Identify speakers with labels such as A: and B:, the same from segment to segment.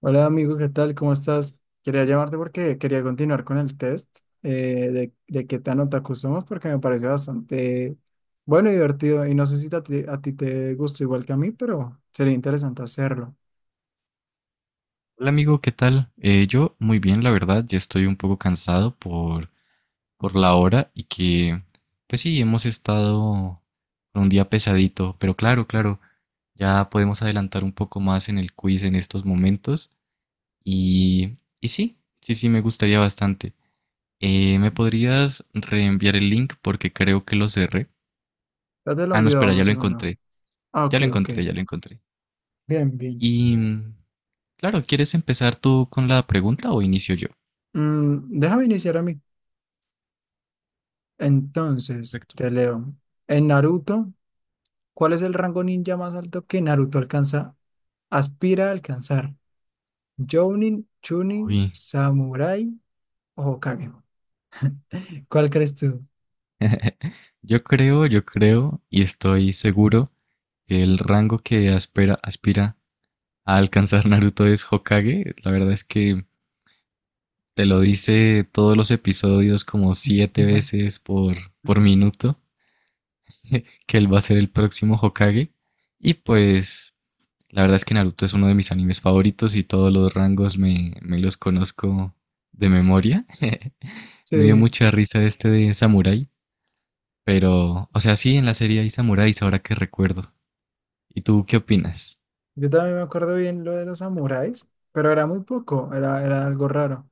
A: Hola amigo, ¿qué tal? ¿Cómo estás? Quería llamarte porque quería continuar con el test de qué tan otaku somos porque me pareció bastante bueno y divertido y no sé si a ti te gusta igual que a mí, pero sería interesante hacerlo.
B: Hola amigo, ¿qué tal? Yo muy bien, la verdad, ya estoy un poco cansado por la hora y que, pues sí, hemos estado con un día pesadito, pero claro, claro, ya podemos adelantar un poco más en el quiz en estos momentos y sí, sí, sí, me gustaría bastante. ¿Me podrías reenviar el link? Porque creo que lo cerré.
A: Ya te lo
B: Ah, no,
A: envío,
B: espera,
A: vamos un
B: ya lo
A: segundo.
B: encontré,
A: Ah,
B: ya
A: ok,
B: lo
A: ok.
B: encontré, ya lo encontré.
A: Bien, bien.
B: Y, mm, claro, ¿quieres empezar tú con la pregunta o inicio yo?
A: Mm, déjame iniciar a mí. Entonces,
B: Perfecto.
A: te leo. En Naruto, ¿cuál es el rango ninja más alto que Naruto alcanza, aspira a alcanzar? Jounin, Chunin,
B: Uy.
A: Samurai o Kage. ¿Cuál crees tú?
B: Yo creo y estoy seguro que el rango que aspira a alcanzar Naruto es Hokage. La verdad es que te lo dice todos los episodios como siete
A: Ujú.
B: veces por minuto que él va a ser el próximo Hokage. Y pues la verdad es que Naruto es uno de mis animes favoritos y todos los rangos me los conozco de memoria. Me dio
A: Sí,
B: mucha risa este de Samurai, pero, o sea, sí, en la serie hay samuráis ahora que recuerdo. ¿Y tú qué opinas?
A: yo también me acuerdo bien lo de los samuráis, pero era muy poco, era algo raro.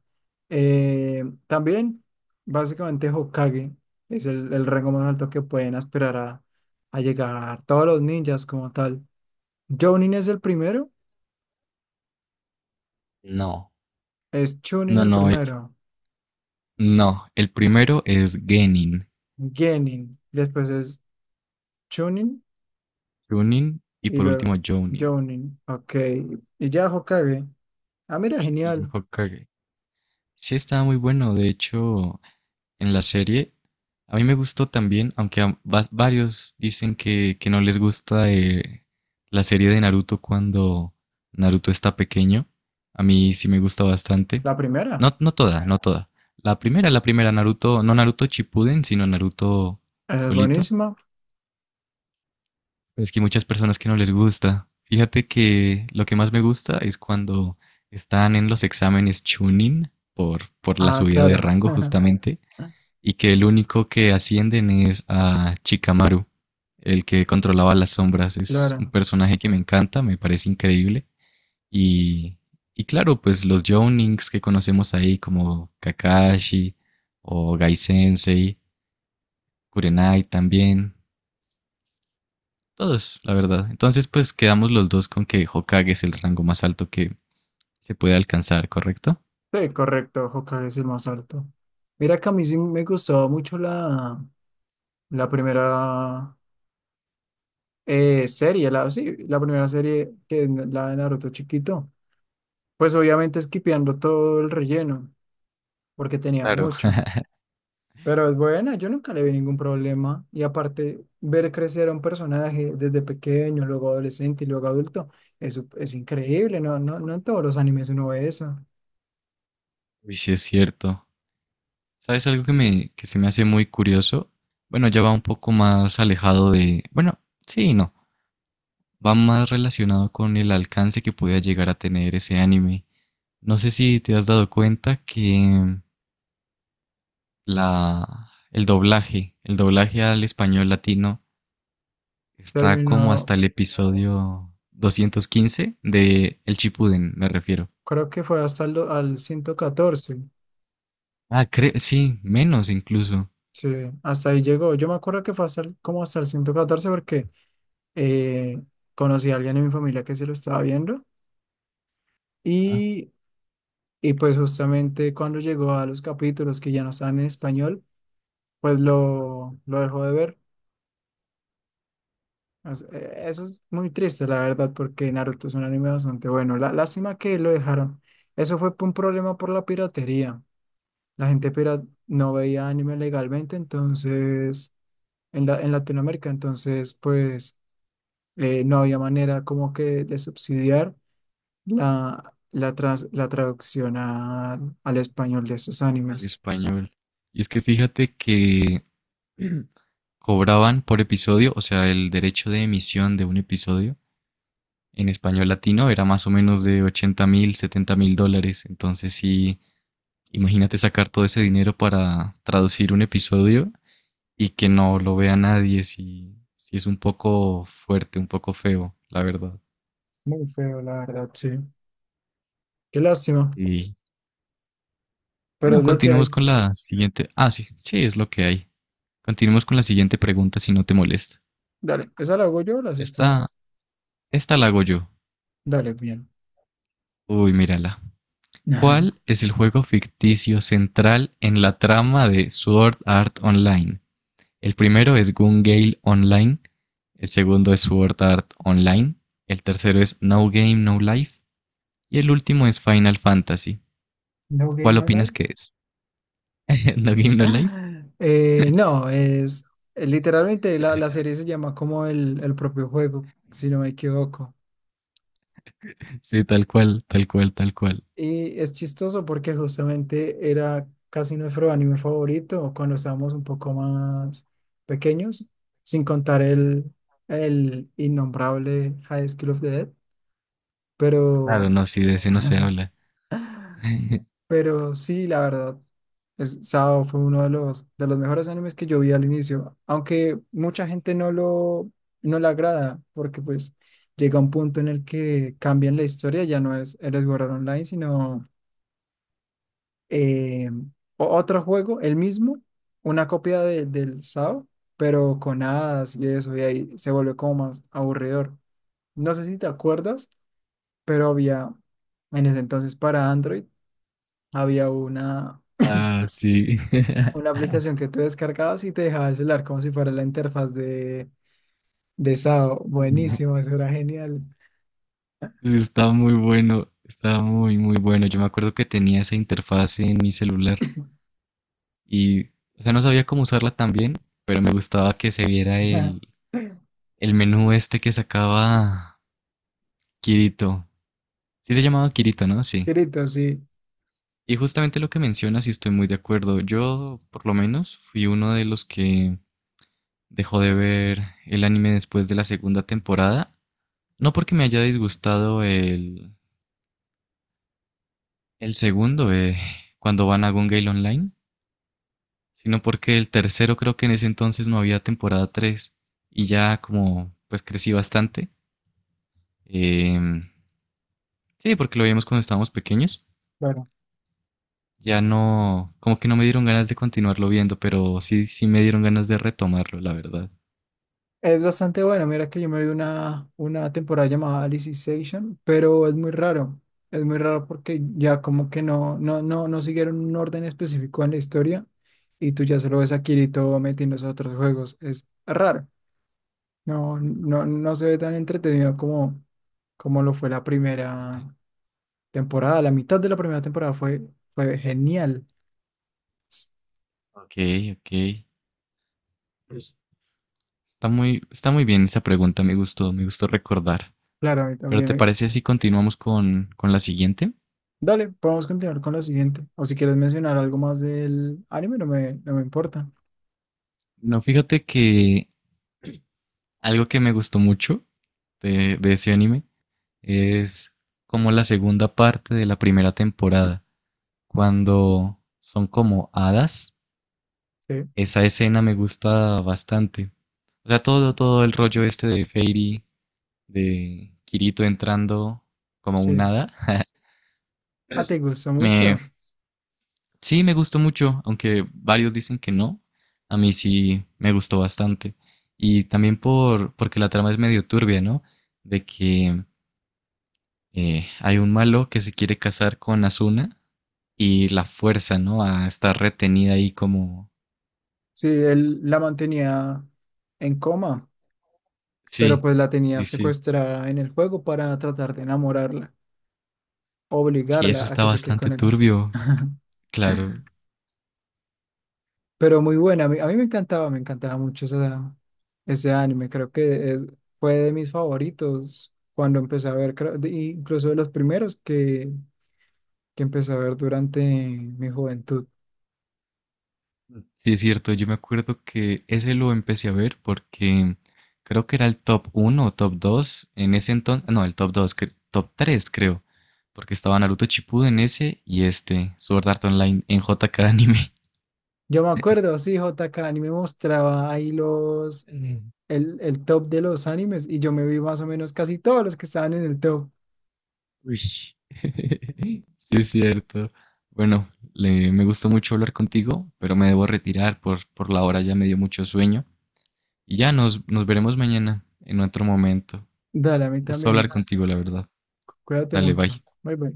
A: También, básicamente, Hokage es el rango más alto que pueden aspirar a llegar todos los ninjas como tal. Jounin es el primero,
B: No,
A: es Chunin
B: no,
A: el
B: no,
A: primero,
B: no. El primero es Genin,
A: Genin, después es Chunin
B: Chunin y
A: y
B: por último
A: luego
B: Jounin
A: Jounin, ok. Y ya Hokage. Ah, mira,
B: y el
A: genial.
B: Hokage. Sí, estaba muy bueno. De hecho, en la serie a mí me gustó también, aunque a varios dicen que no les gusta la serie de Naruto cuando Naruto está pequeño. A mí sí me gusta bastante.
A: La primera.
B: No, no toda, no toda. La primera Naruto, no Naruto Shippuden, sino Naruto
A: Es
B: solito.
A: buenísimo.
B: Pero es que hay muchas personas que no les gusta. Fíjate que lo que más me gusta es cuando están en los exámenes Chunin por la
A: Ah,
B: subida de
A: claro.
B: rango justamente y que el único que ascienden es a Chikamaru, el que controlaba las sombras. Es un
A: Claro.
B: personaje que me encanta, me parece increíble y, y claro, pues los Jounings que conocemos ahí como Kakashi o Gai Sensei, Kurenai también, todos, la verdad. Entonces, pues quedamos los dos con que Hokage es el rango más alto que se puede alcanzar, ¿correcto?
A: Sí, correcto. Hokage es el más alto. Mira que a mí sí me gustaba mucho la primera serie, la, sí, la primera serie que es la de Naruto chiquito. Pues obviamente esquipeando todo el relleno, porque tenía
B: Claro.
A: mucho. Pero es buena, yo nunca le vi ningún problema. Y aparte, ver crecer a un personaje desde pequeño, luego adolescente y luego adulto, eso es increíble, ¿no? No, no en todos los animes uno ve eso.
B: Uy, sí es cierto. ¿Sabes algo que se me hace muy curioso? Bueno, ya va un poco más alejado de, bueno, sí y no, va más relacionado con el alcance que podía llegar a tener ese anime. No sé si te has dado cuenta que el doblaje al español latino está como hasta
A: Terminó,
B: el episodio 215 de El Chipuden, me refiero.
A: creo que fue hasta el, al ciento catorce.
B: Ah, sí, menos incluso,
A: Sí, hasta ahí llegó. Yo me acuerdo que fue hasta como hasta el 114 porque eh, conocí a alguien en mi familia que se lo estaba viendo
B: ah,
A: y, y pues justamente cuando llegó a los capítulos que ya no estaban en español, pues lo dejó de ver. Eso es muy triste, la verdad, porque Naruto es un anime bastante bueno. La, lástima que lo dejaron. Eso fue por un problema por la piratería. La gente pirata no veía anime legalmente, entonces, en en Latinoamérica, entonces, pues, no había manera como que de subsidiar la traducción al español de esos
B: al
A: animes.
B: español. Y es que fíjate que cobraban por episodio, o sea, el derecho de emisión de un episodio en español latino era más o menos de 80 mil, 70 mil dólares. Entonces sí, imagínate sacar todo ese dinero para traducir un episodio y que no lo vea nadie, si, si es un poco fuerte, un poco feo, la verdad.
A: Muy feo, la verdad, sí. Qué lástima,
B: Y
A: pero
B: bueno,
A: es lo que
B: continuamos
A: hay.
B: con la siguiente. Ah, sí, sí, es lo que hay. Continuamos con la siguiente pregunta, si no te molesta.
A: Dale, ¿esa la hago yo o la haces tú?
B: Esta, esta la hago yo.
A: Dale, bien.
B: Uy, mírala. ¿Cuál es el juego ficticio central en la trama de Sword Art Online? El primero es Gun-Gale Online, el segundo es Sword Art Online, el tercero es No Game No Life y el último es Final Fantasy.
A: No gay,
B: ¿Cuál
A: no
B: opinas
A: like.
B: que es? ¿No Game No Life?
A: No, es literalmente la serie se llama como el propio juego, si no me equivoco.
B: Sí, tal cual, tal cual, tal cual.
A: Y es chistoso porque justamente era casi nuestro anime favorito cuando estábamos un poco más pequeños, sin contar el innombrable High School of the Dead.
B: Claro,
A: Pero,
B: no, sí, de ese no se habla.
A: pero sí, la verdad, es, Sao fue uno de de los mejores animes que yo vi al inicio, aunque mucha gente no lo no le agrada porque pues llega un punto en el que cambian la historia, ya no es Eres Sword Online, sino eh, otro juego, el mismo, una copia del SAO, pero con hadas y eso, y ahí se volvió como más aburridor. No sé si te acuerdas, pero había, en ese entonces para Android, había una,
B: Ah, sí.
A: una aplicación que tú descargabas y te dejaba el celular como si fuera la interfaz de SAO. Buenísimo, eso era genial.
B: Sí, está muy bueno, está muy, muy bueno. Yo me acuerdo que tenía esa interfaz en mi celular y, o sea, no sabía cómo usarla tan bien, pero me gustaba que se viera el menú este que sacaba Kirito. Sí se llamaba Kirito, ¿no? Sí.
A: Grito, sí.
B: Y justamente lo que mencionas, y estoy muy de acuerdo. Yo, por lo menos, fui uno de los que dejó de ver el anime después de la segunda temporada. No porque me haya disgustado el segundo, cuando van a Gun Gale Online, sino porque el tercero creo que en ese entonces no había temporada 3 y ya como pues crecí bastante. eh, sí, porque lo vimos cuando estábamos pequeños. Ya no, como que no me dieron ganas de continuarlo viendo, pero sí, sí me dieron ganas de retomarlo, la verdad.
A: Es bastante bueno. Mira que yo me vi una temporada llamada Alice in Station, pero es muy raro. Es muy raro porque ya como que no siguieron un orden específico en la historia y tú ya solo ves a Kirito metiéndose a otros juegos. Es raro. No se ve tan entretenido como, como lo fue la primera temporada. La mitad de la primera temporada fue, fue genial. S-
B: Ok, ok. Pues, está muy, está muy bien esa pregunta, me gustó recordar.
A: Claro, a mí
B: Pero
A: también.
B: ¿te
A: Me-
B: parece si continuamos con la siguiente?
A: Dale, podemos continuar con la siguiente. O si quieres mencionar algo más del anime, no me importa.
B: No, fíjate que algo que me gustó mucho de ese anime es como la segunda parte de la primera temporada, cuando son como hadas.
A: Sí,
B: Esa escena me gusta bastante. O sea, todo, todo el rollo este de Fairy de Kirito entrando como un
A: sí.
B: hada.
A: Ah, ¿te gustó
B: Me,
A: mucho?
B: sí, me gustó mucho, aunque varios dicen que no. A mí sí me gustó bastante. Y también porque la trama es medio turbia, ¿no? De que hay un malo que se quiere casar con Asuna y la fuerza, ¿no? A estar retenida ahí como...
A: Sí, él la mantenía en coma, pero
B: Sí,
A: pues la tenía
B: sí, sí.
A: secuestrada en el juego para tratar de enamorarla,
B: Sí, eso
A: obligarla a
B: está
A: que se quede
B: bastante
A: con él.
B: turbio, claro.
A: Pero muy buena, a mí me encantaba mucho ese anime, creo que fue de mis favoritos cuando empecé a ver, incluso de los primeros que empecé a ver durante mi juventud.
B: Sí, es cierto, yo me acuerdo que ese lo empecé a ver porque creo que era el top uno o top 2 en ese entonces, no, el top 2, cre- top 3 creo, porque estaba Naruto Shippuden en ese y este, Sword Art Online en JKAnime.
A: Yo me acuerdo, sí, JK, y me mostraba ahí los
B: Mm.
A: el top de los animes y yo me vi más o menos casi todos los que estaban en el top.
B: Uy. Sí, es cierto. Bueno, me gustó mucho hablar contigo, pero me debo retirar por la hora, ya me dio mucho sueño. Y ya nos veremos mañana en otro momento.
A: Dale, a mí
B: Un gusto hablar
A: también.
B: contigo, la verdad.
A: Cuídate
B: Dale, bye.
A: mucho. Bye bye.